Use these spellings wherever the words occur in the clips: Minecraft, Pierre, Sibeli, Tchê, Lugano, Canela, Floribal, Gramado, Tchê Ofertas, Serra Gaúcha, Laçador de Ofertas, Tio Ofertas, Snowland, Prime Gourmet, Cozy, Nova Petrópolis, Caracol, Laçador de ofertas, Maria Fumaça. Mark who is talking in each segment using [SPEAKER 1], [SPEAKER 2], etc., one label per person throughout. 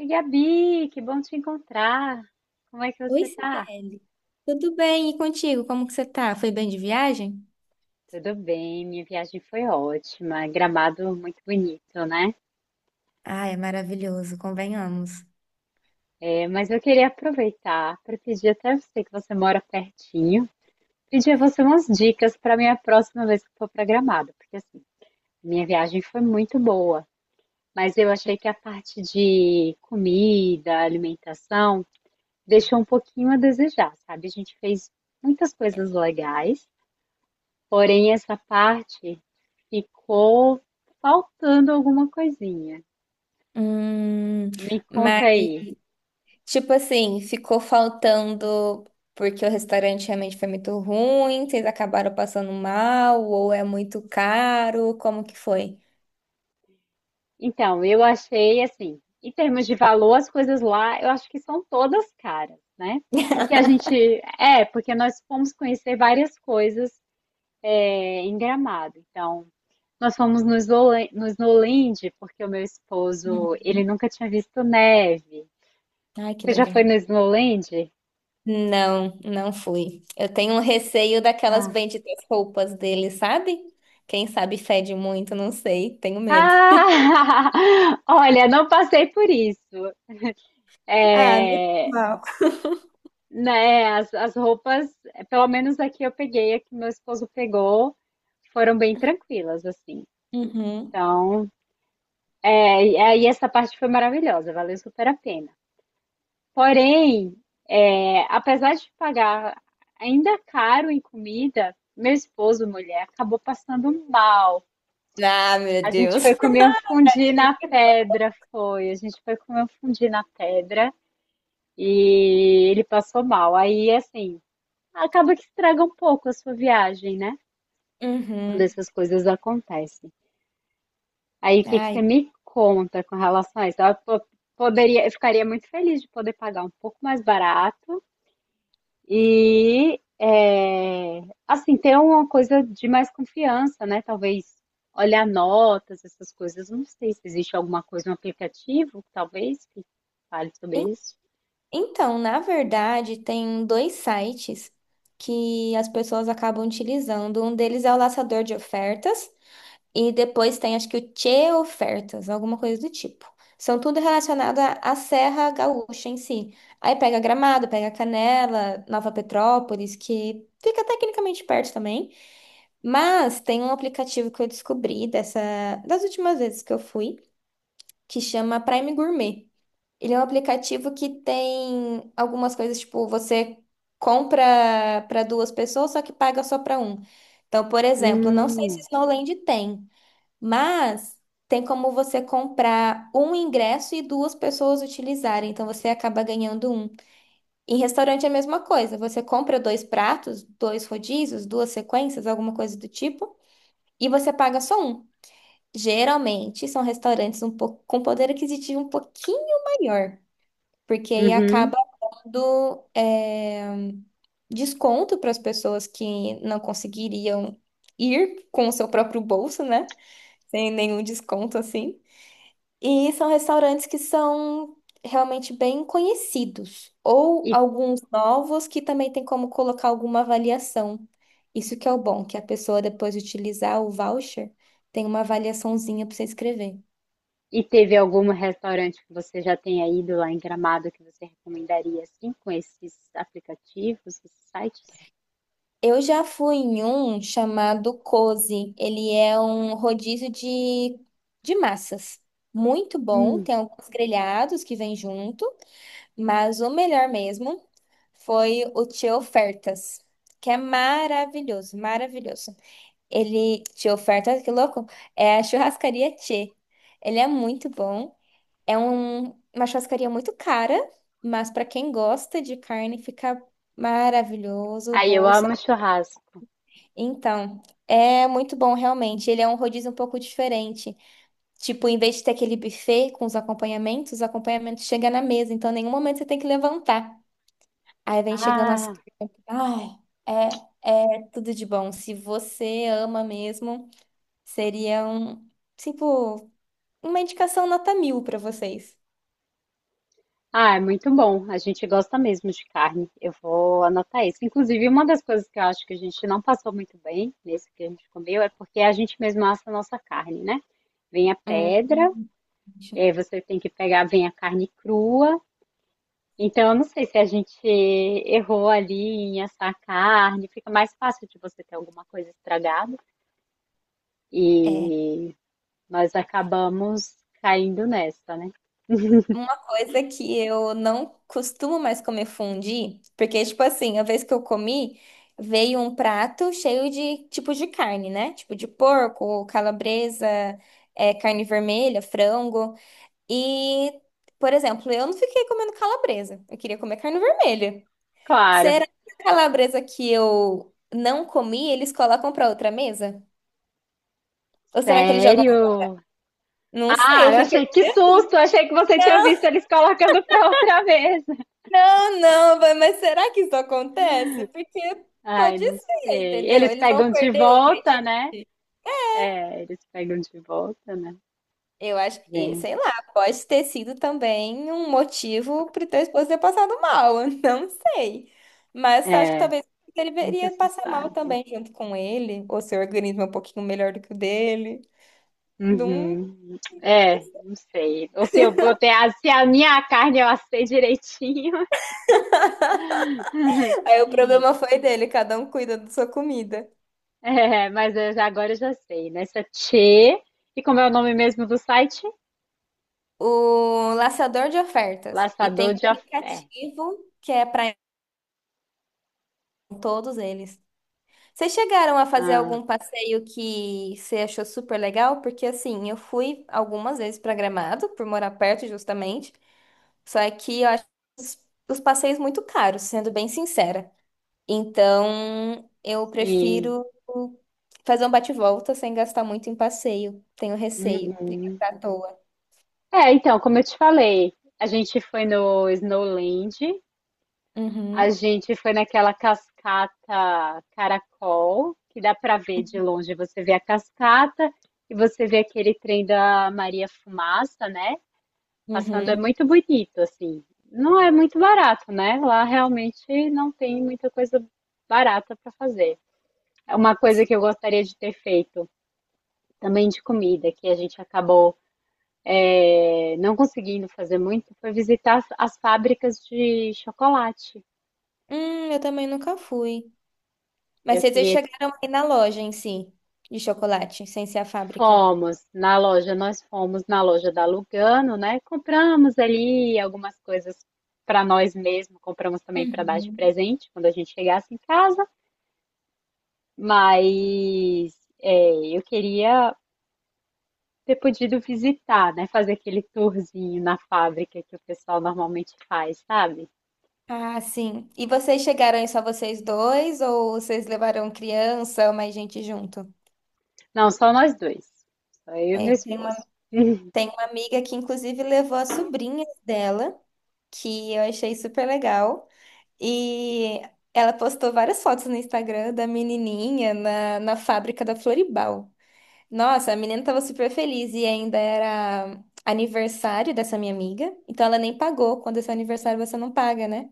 [SPEAKER 1] Oi, Gabi, que bom te encontrar. Como é que
[SPEAKER 2] Oi,
[SPEAKER 1] você tá?
[SPEAKER 2] Sibeli. Tudo bem? E contigo? Como que você tá? Foi bem de viagem?
[SPEAKER 1] Tudo bem, minha viagem foi ótima. Gramado muito bonito, né?
[SPEAKER 2] Ah, é maravilhoso, convenhamos.
[SPEAKER 1] É, mas eu queria aproveitar para pedir até você que você mora pertinho, pedir a você umas dicas para minha próxima vez que for para Gramado, porque assim, minha viagem foi muito boa, mas eu achei que a parte de comida, alimentação, deixou um pouquinho a desejar, sabe? A gente fez muitas coisas legais, porém, essa parte ficou faltando alguma coisinha.
[SPEAKER 2] Hum,
[SPEAKER 1] Me
[SPEAKER 2] mas,
[SPEAKER 1] conta aí.
[SPEAKER 2] tipo assim, ficou faltando porque o restaurante realmente foi muito ruim, vocês acabaram passando mal, ou é muito caro, como que foi?
[SPEAKER 1] Então, eu achei assim, em termos de valor, as coisas lá, eu acho que são todas caras, né? Porque a gente, porque nós fomos conhecer várias coisas em Gramado. Então, nós fomos no no Snowland, porque o meu esposo, ele
[SPEAKER 2] Uhum.
[SPEAKER 1] nunca tinha visto neve.
[SPEAKER 2] Ai, que
[SPEAKER 1] Você já foi
[SPEAKER 2] legal.
[SPEAKER 1] no Snowland?
[SPEAKER 2] Não, não fui. Eu tenho um receio daquelas benditas roupas dele, sabe? Quem sabe fede muito, não sei, tenho medo.
[SPEAKER 1] Ah, olha, não passei por isso.
[SPEAKER 2] Ah,
[SPEAKER 1] É,
[SPEAKER 2] normal.
[SPEAKER 1] né, as roupas, pelo menos aqui eu peguei, a que meu esposo pegou, foram bem tranquilas, assim.
[SPEAKER 2] Uhum.
[SPEAKER 1] Então, e aí essa parte foi maravilhosa, valeu super a pena. Porém, apesar de pagar ainda caro em comida, meu esposo, mulher, acabou passando mal.
[SPEAKER 2] Ah, meu
[SPEAKER 1] A gente foi
[SPEAKER 2] Deus.
[SPEAKER 1] comer um fundi na pedra, foi. A gente foi comer um fundi na pedra. E ele passou mal. Aí, assim, acaba que estraga um pouco a sua viagem, né? Quando
[SPEAKER 2] Uhum.
[SPEAKER 1] essas coisas acontecem. Aí, o que que
[SPEAKER 2] Ai.
[SPEAKER 1] você me conta com relação a isso? Poderia, eu ficaria muito feliz de poder pagar um pouco mais barato e, é, assim, ter uma coisa de mais confiança, né? Talvez olhar notas, essas coisas. Não sei se existe alguma coisa, um aplicativo, talvez, que fale sobre
[SPEAKER 2] en-
[SPEAKER 1] isso.
[SPEAKER 2] Então, na verdade, tem dois sites que as pessoas acabam utilizando. Um deles é o Laçador de Ofertas e depois tem, acho que o Tchê Ofertas, alguma coisa do tipo. São tudo relacionado à Serra Gaúcha em si. Aí pega Gramado, pega Canela, Nova Petrópolis, que fica tecnicamente perto também. Mas tem um aplicativo que eu descobri dessa, das últimas vezes que eu fui, que chama Prime Gourmet. Ele é um aplicativo que tem algumas coisas, tipo, você compra para duas pessoas, só que paga só para um. Então, por exemplo, não sei se
[SPEAKER 1] Hum,
[SPEAKER 2] Snowland tem, mas tem como você comprar um ingresso e duas pessoas utilizarem, então você acaba ganhando um. Em restaurante é a mesma coisa, você compra dois pratos, dois rodízios, duas sequências, alguma coisa do tipo, e você paga só um. Geralmente são restaurantes um pouco, com poder aquisitivo um pouquinho maior, porque aí
[SPEAKER 1] uhum.
[SPEAKER 2] acaba dando desconto para as pessoas que não conseguiriam ir com o seu próprio bolso, né? Sem nenhum desconto assim. E são restaurantes que são realmente bem conhecidos, ou alguns novos que também tem como colocar alguma avaliação. Isso que é o bom, que a pessoa depois de utilizar o voucher tem uma avaliaçãozinha para você escrever.
[SPEAKER 1] E teve algum restaurante que você já tenha ido lá em Gramado que você recomendaria, assim, com esses aplicativos, esses sites?
[SPEAKER 2] Eu já fui em um chamado Cozy. Ele é um rodízio de massas. Muito bom.
[SPEAKER 1] Hum.
[SPEAKER 2] Tem alguns grelhados que vêm junto, mas o melhor mesmo foi o Tio Ofertas, que é maravilhoso, maravilhoso. Ele, Tio Ofertas, que louco, é a churrascaria Tchê. Ele é muito bom. É uma churrascaria muito cara, mas para quem gosta de carne fica maravilhoso. O
[SPEAKER 1] Aí eu
[SPEAKER 2] bolso
[SPEAKER 1] amo churrasco.
[SPEAKER 2] então, é muito bom realmente. Ele é um rodízio um pouco diferente. Tipo, em vez de ter aquele buffet com os acompanhamentos chegam na mesa, então em nenhum momento você tem que levantar. Aí vem chegando as.
[SPEAKER 1] Ah,
[SPEAKER 2] Ai, é, é tudo de bom. Se você ama mesmo, seria um, tipo, uma indicação nota mil pra vocês.
[SPEAKER 1] ah, é muito bom. A gente gosta mesmo de carne. Eu vou anotar isso. Inclusive, uma das coisas que eu acho que a gente não passou muito bem nesse que a gente comeu é porque a gente mesmo assa a nossa carne, né? Vem a
[SPEAKER 2] Hum.
[SPEAKER 1] pedra, e aí você tem que pegar, vem a carne crua. Então, eu não sei se a gente errou ali em assar a carne, fica mais fácil de você ter alguma coisa estragada.
[SPEAKER 2] É.
[SPEAKER 1] E nós acabamos caindo nessa, né?
[SPEAKER 2] Uma coisa que eu não costumo mais comer fondue, porque, tipo assim, a vez que eu comi, veio um prato cheio de tipos de carne, né? Tipo de porco, calabresa, carne vermelha, frango. E, por exemplo, eu não fiquei comendo calabresa. Eu queria comer carne vermelha.
[SPEAKER 1] Claro.
[SPEAKER 2] Será que a calabresa que eu não comi, eles colocam pra outra mesa? Ou será que eles jogam?
[SPEAKER 1] Sério?
[SPEAKER 2] Não sei,
[SPEAKER 1] Ah,
[SPEAKER 2] eu
[SPEAKER 1] eu achei
[SPEAKER 2] fiquei.
[SPEAKER 1] que susto, eu achei que você tinha visto eles colocando para outra vez.
[SPEAKER 2] Não, não, vai, mas será que isso acontece? Porque
[SPEAKER 1] Ai,
[SPEAKER 2] pode
[SPEAKER 1] não
[SPEAKER 2] ser,
[SPEAKER 1] sei.
[SPEAKER 2] entendeu?
[SPEAKER 1] Eles
[SPEAKER 2] Eles vão
[SPEAKER 1] pegam de
[SPEAKER 2] perder o
[SPEAKER 1] volta,
[SPEAKER 2] ingrediente.
[SPEAKER 1] né? É, eles pegam de volta, né?
[SPEAKER 2] Eu acho, e, sei lá,
[SPEAKER 1] Gente,
[SPEAKER 2] pode ter sido também um motivo para o teu esposo ter passado mal, eu não sei. Mas acho que
[SPEAKER 1] é,
[SPEAKER 2] talvez ele
[SPEAKER 1] nunca
[SPEAKER 2] deveria
[SPEAKER 1] se
[SPEAKER 2] passar mal
[SPEAKER 1] sabe.
[SPEAKER 2] também junto com ele, ou seu organismo é um pouquinho melhor do que o dele. Não...
[SPEAKER 1] Uhum. É, não sei. Ou se eu botei a, se a minha carne eu assei direitinho.
[SPEAKER 2] Aí o problema foi dele, cada um cuida da sua comida.
[SPEAKER 1] É, mas agora eu já sei, né? Essa Tchê. E como é o nome mesmo do site?
[SPEAKER 2] O laçador de ofertas. E tem
[SPEAKER 1] Laçador
[SPEAKER 2] um
[SPEAKER 1] de ofertas.
[SPEAKER 2] aplicativo que é para todos eles. Vocês chegaram a fazer
[SPEAKER 1] Ah,
[SPEAKER 2] algum passeio que você achou super legal? Porque assim, eu fui algumas vezes para Gramado, por morar perto justamente, só que eu acho os, os passeios muito caros, sendo bem sincera. Então, eu
[SPEAKER 1] sim.
[SPEAKER 2] prefiro fazer um bate-volta sem gastar muito em passeio. Tenho receio de
[SPEAKER 1] Uhum.
[SPEAKER 2] gastar à toa.
[SPEAKER 1] É, então, como eu te falei, a gente foi no Snowland, a
[SPEAKER 2] Uhum,
[SPEAKER 1] gente foi naquela cascata Caracol, que dá pra ver de longe, você vê a cascata e você vê aquele trem da Maria Fumaça, né? Passando é
[SPEAKER 2] uhum.
[SPEAKER 1] muito bonito, assim. Não é muito barato, né? Lá realmente não tem muita coisa barata para fazer. É, uma coisa
[SPEAKER 2] Sim.
[SPEAKER 1] que eu gostaria de ter feito, também de comida, que a gente acabou não conseguindo fazer muito, foi visitar as fábricas de chocolate.
[SPEAKER 2] Eu também nunca fui. Mas
[SPEAKER 1] Eu
[SPEAKER 2] vocês já
[SPEAKER 1] queria,
[SPEAKER 2] chegaram aí na loja em si, de chocolate, sem ser a fábrica.
[SPEAKER 1] fomos na loja, nós fomos na loja da Lugano, né? Compramos ali algumas coisas para nós mesmos, compramos também para dar de
[SPEAKER 2] Uhum.
[SPEAKER 1] presente quando a gente chegasse em casa. Mas eu queria ter podido visitar, né? Fazer aquele tourzinho na fábrica que o pessoal normalmente faz, sabe?
[SPEAKER 2] Ah, sim. E vocês chegaram aí só vocês dois ou vocês levaram criança ou mais gente junto?
[SPEAKER 1] Não, só nós dois. Só eu e
[SPEAKER 2] É,
[SPEAKER 1] meu
[SPEAKER 2] tem,
[SPEAKER 1] esposo.
[SPEAKER 2] Tem uma amiga que inclusive levou as sobrinhas dela, que eu achei super legal. E ela postou várias fotos no Instagram da menininha na fábrica da Floribal. Nossa, a menina tava super feliz e ainda era aniversário dessa minha amiga. Então ela nem pagou. Quando é seu aniversário, você não paga, né?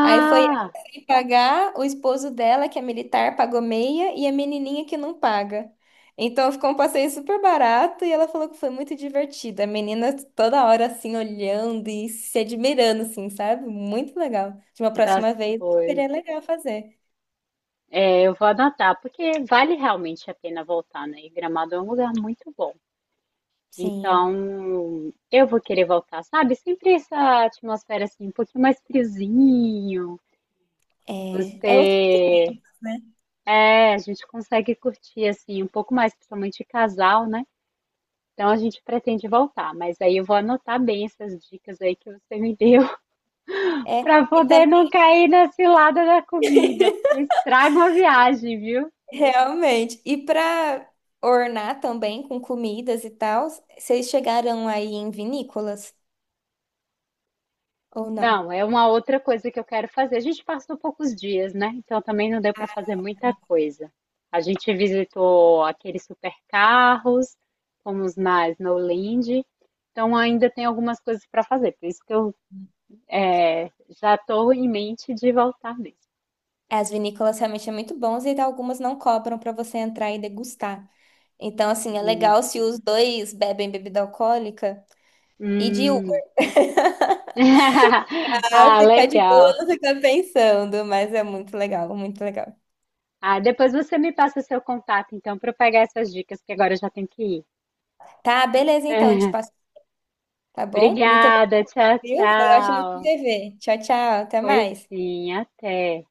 [SPEAKER 2] Aí foi ela sem pagar, o esposo dela, que é militar, pagou meia, e a menininha que não paga. Então ficou um passeio super barato e ela falou que foi muito divertido. A menina toda hora assim olhando e se admirando, assim, sabe? Muito legal. De uma
[SPEAKER 1] das
[SPEAKER 2] próxima vez
[SPEAKER 1] coisas.
[SPEAKER 2] seria legal fazer.
[SPEAKER 1] É, eu vou anotar, porque vale realmente a pena voltar, né? E Gramado é um lugar muito bom.
[SPEAKER 2] Sim,
[SPEAKER 1] Então, eu vou querer voltar, sabe? Sempre essa atmosfera assim, um pouquinho mais friozinho.
[SPEAKER 2] é, é, outro-
[SPEAKER 1] Você é, a gente consegue curtir assim um pouco mais, principalmente casal, né? Então a gente pretende voltar, mas aí eu vou anotar bem essas dicas aí que você me deu,
[SPEAKER 2] é
[SPEAKER 1] para
[SPEAKER 2] e
[SPEAKER 1] poder
[SPEAKER 2] também
[SPEAKER 1] não cair na cilada da comida, porque estraga a viagem, viu?
[SPEAKER 2] realmente. E para ornar também com comidas e tal, vocês chegaram aí em vinícolas ou não?
[SPEAKER 1] Não, é uma outra coisa que eu quero fazer. A gente passou poucos dias, né? Então também não deu para fazer muita coisa. A gente visitou aqueles supercarros, fomos na Snowland, então ainda tem algumas coisas para fazer. Por isso que eu é, já estou em mente de voltar mesmo.
[SPEAKER 2] As vinícolas realmente são muito bons e algumas não cobram para você entrar e degustar. Então, assim, é legal se os dois bebem bebida alcoólica e de uva
[SPEAKER 1] Hum.
[SPEAKER 2] ficar
[SPEAKER 1] Ah,
[SPEAKER 2] de boa,
[SPEAKER 1] legal.
[SPEAKER 2] não ficar pensando, mas é muito legal, muito legal.
[SPEAKER 1] Ah, depois você me passa o seu contato, então, para eu pegar essas dicas, que agora eu já tenho que ir.
[SPEAKER 2] Tá, beleza então, te passo, tá bom? Muito
[SPEAKER 1] Obrigada,
[SPEAKER 2] obrigada,
[SPEAKER 1] tchau,
[SPEAKER 2] viu? Foi ótimo
[SPEAKER 1] tchau.
[SPEAKER 2] te ver. Tchau, tchau, até
[SPEAKER 1] Pois
[SPEAKER 2] mais.
[SPEAKER 1] sim, até.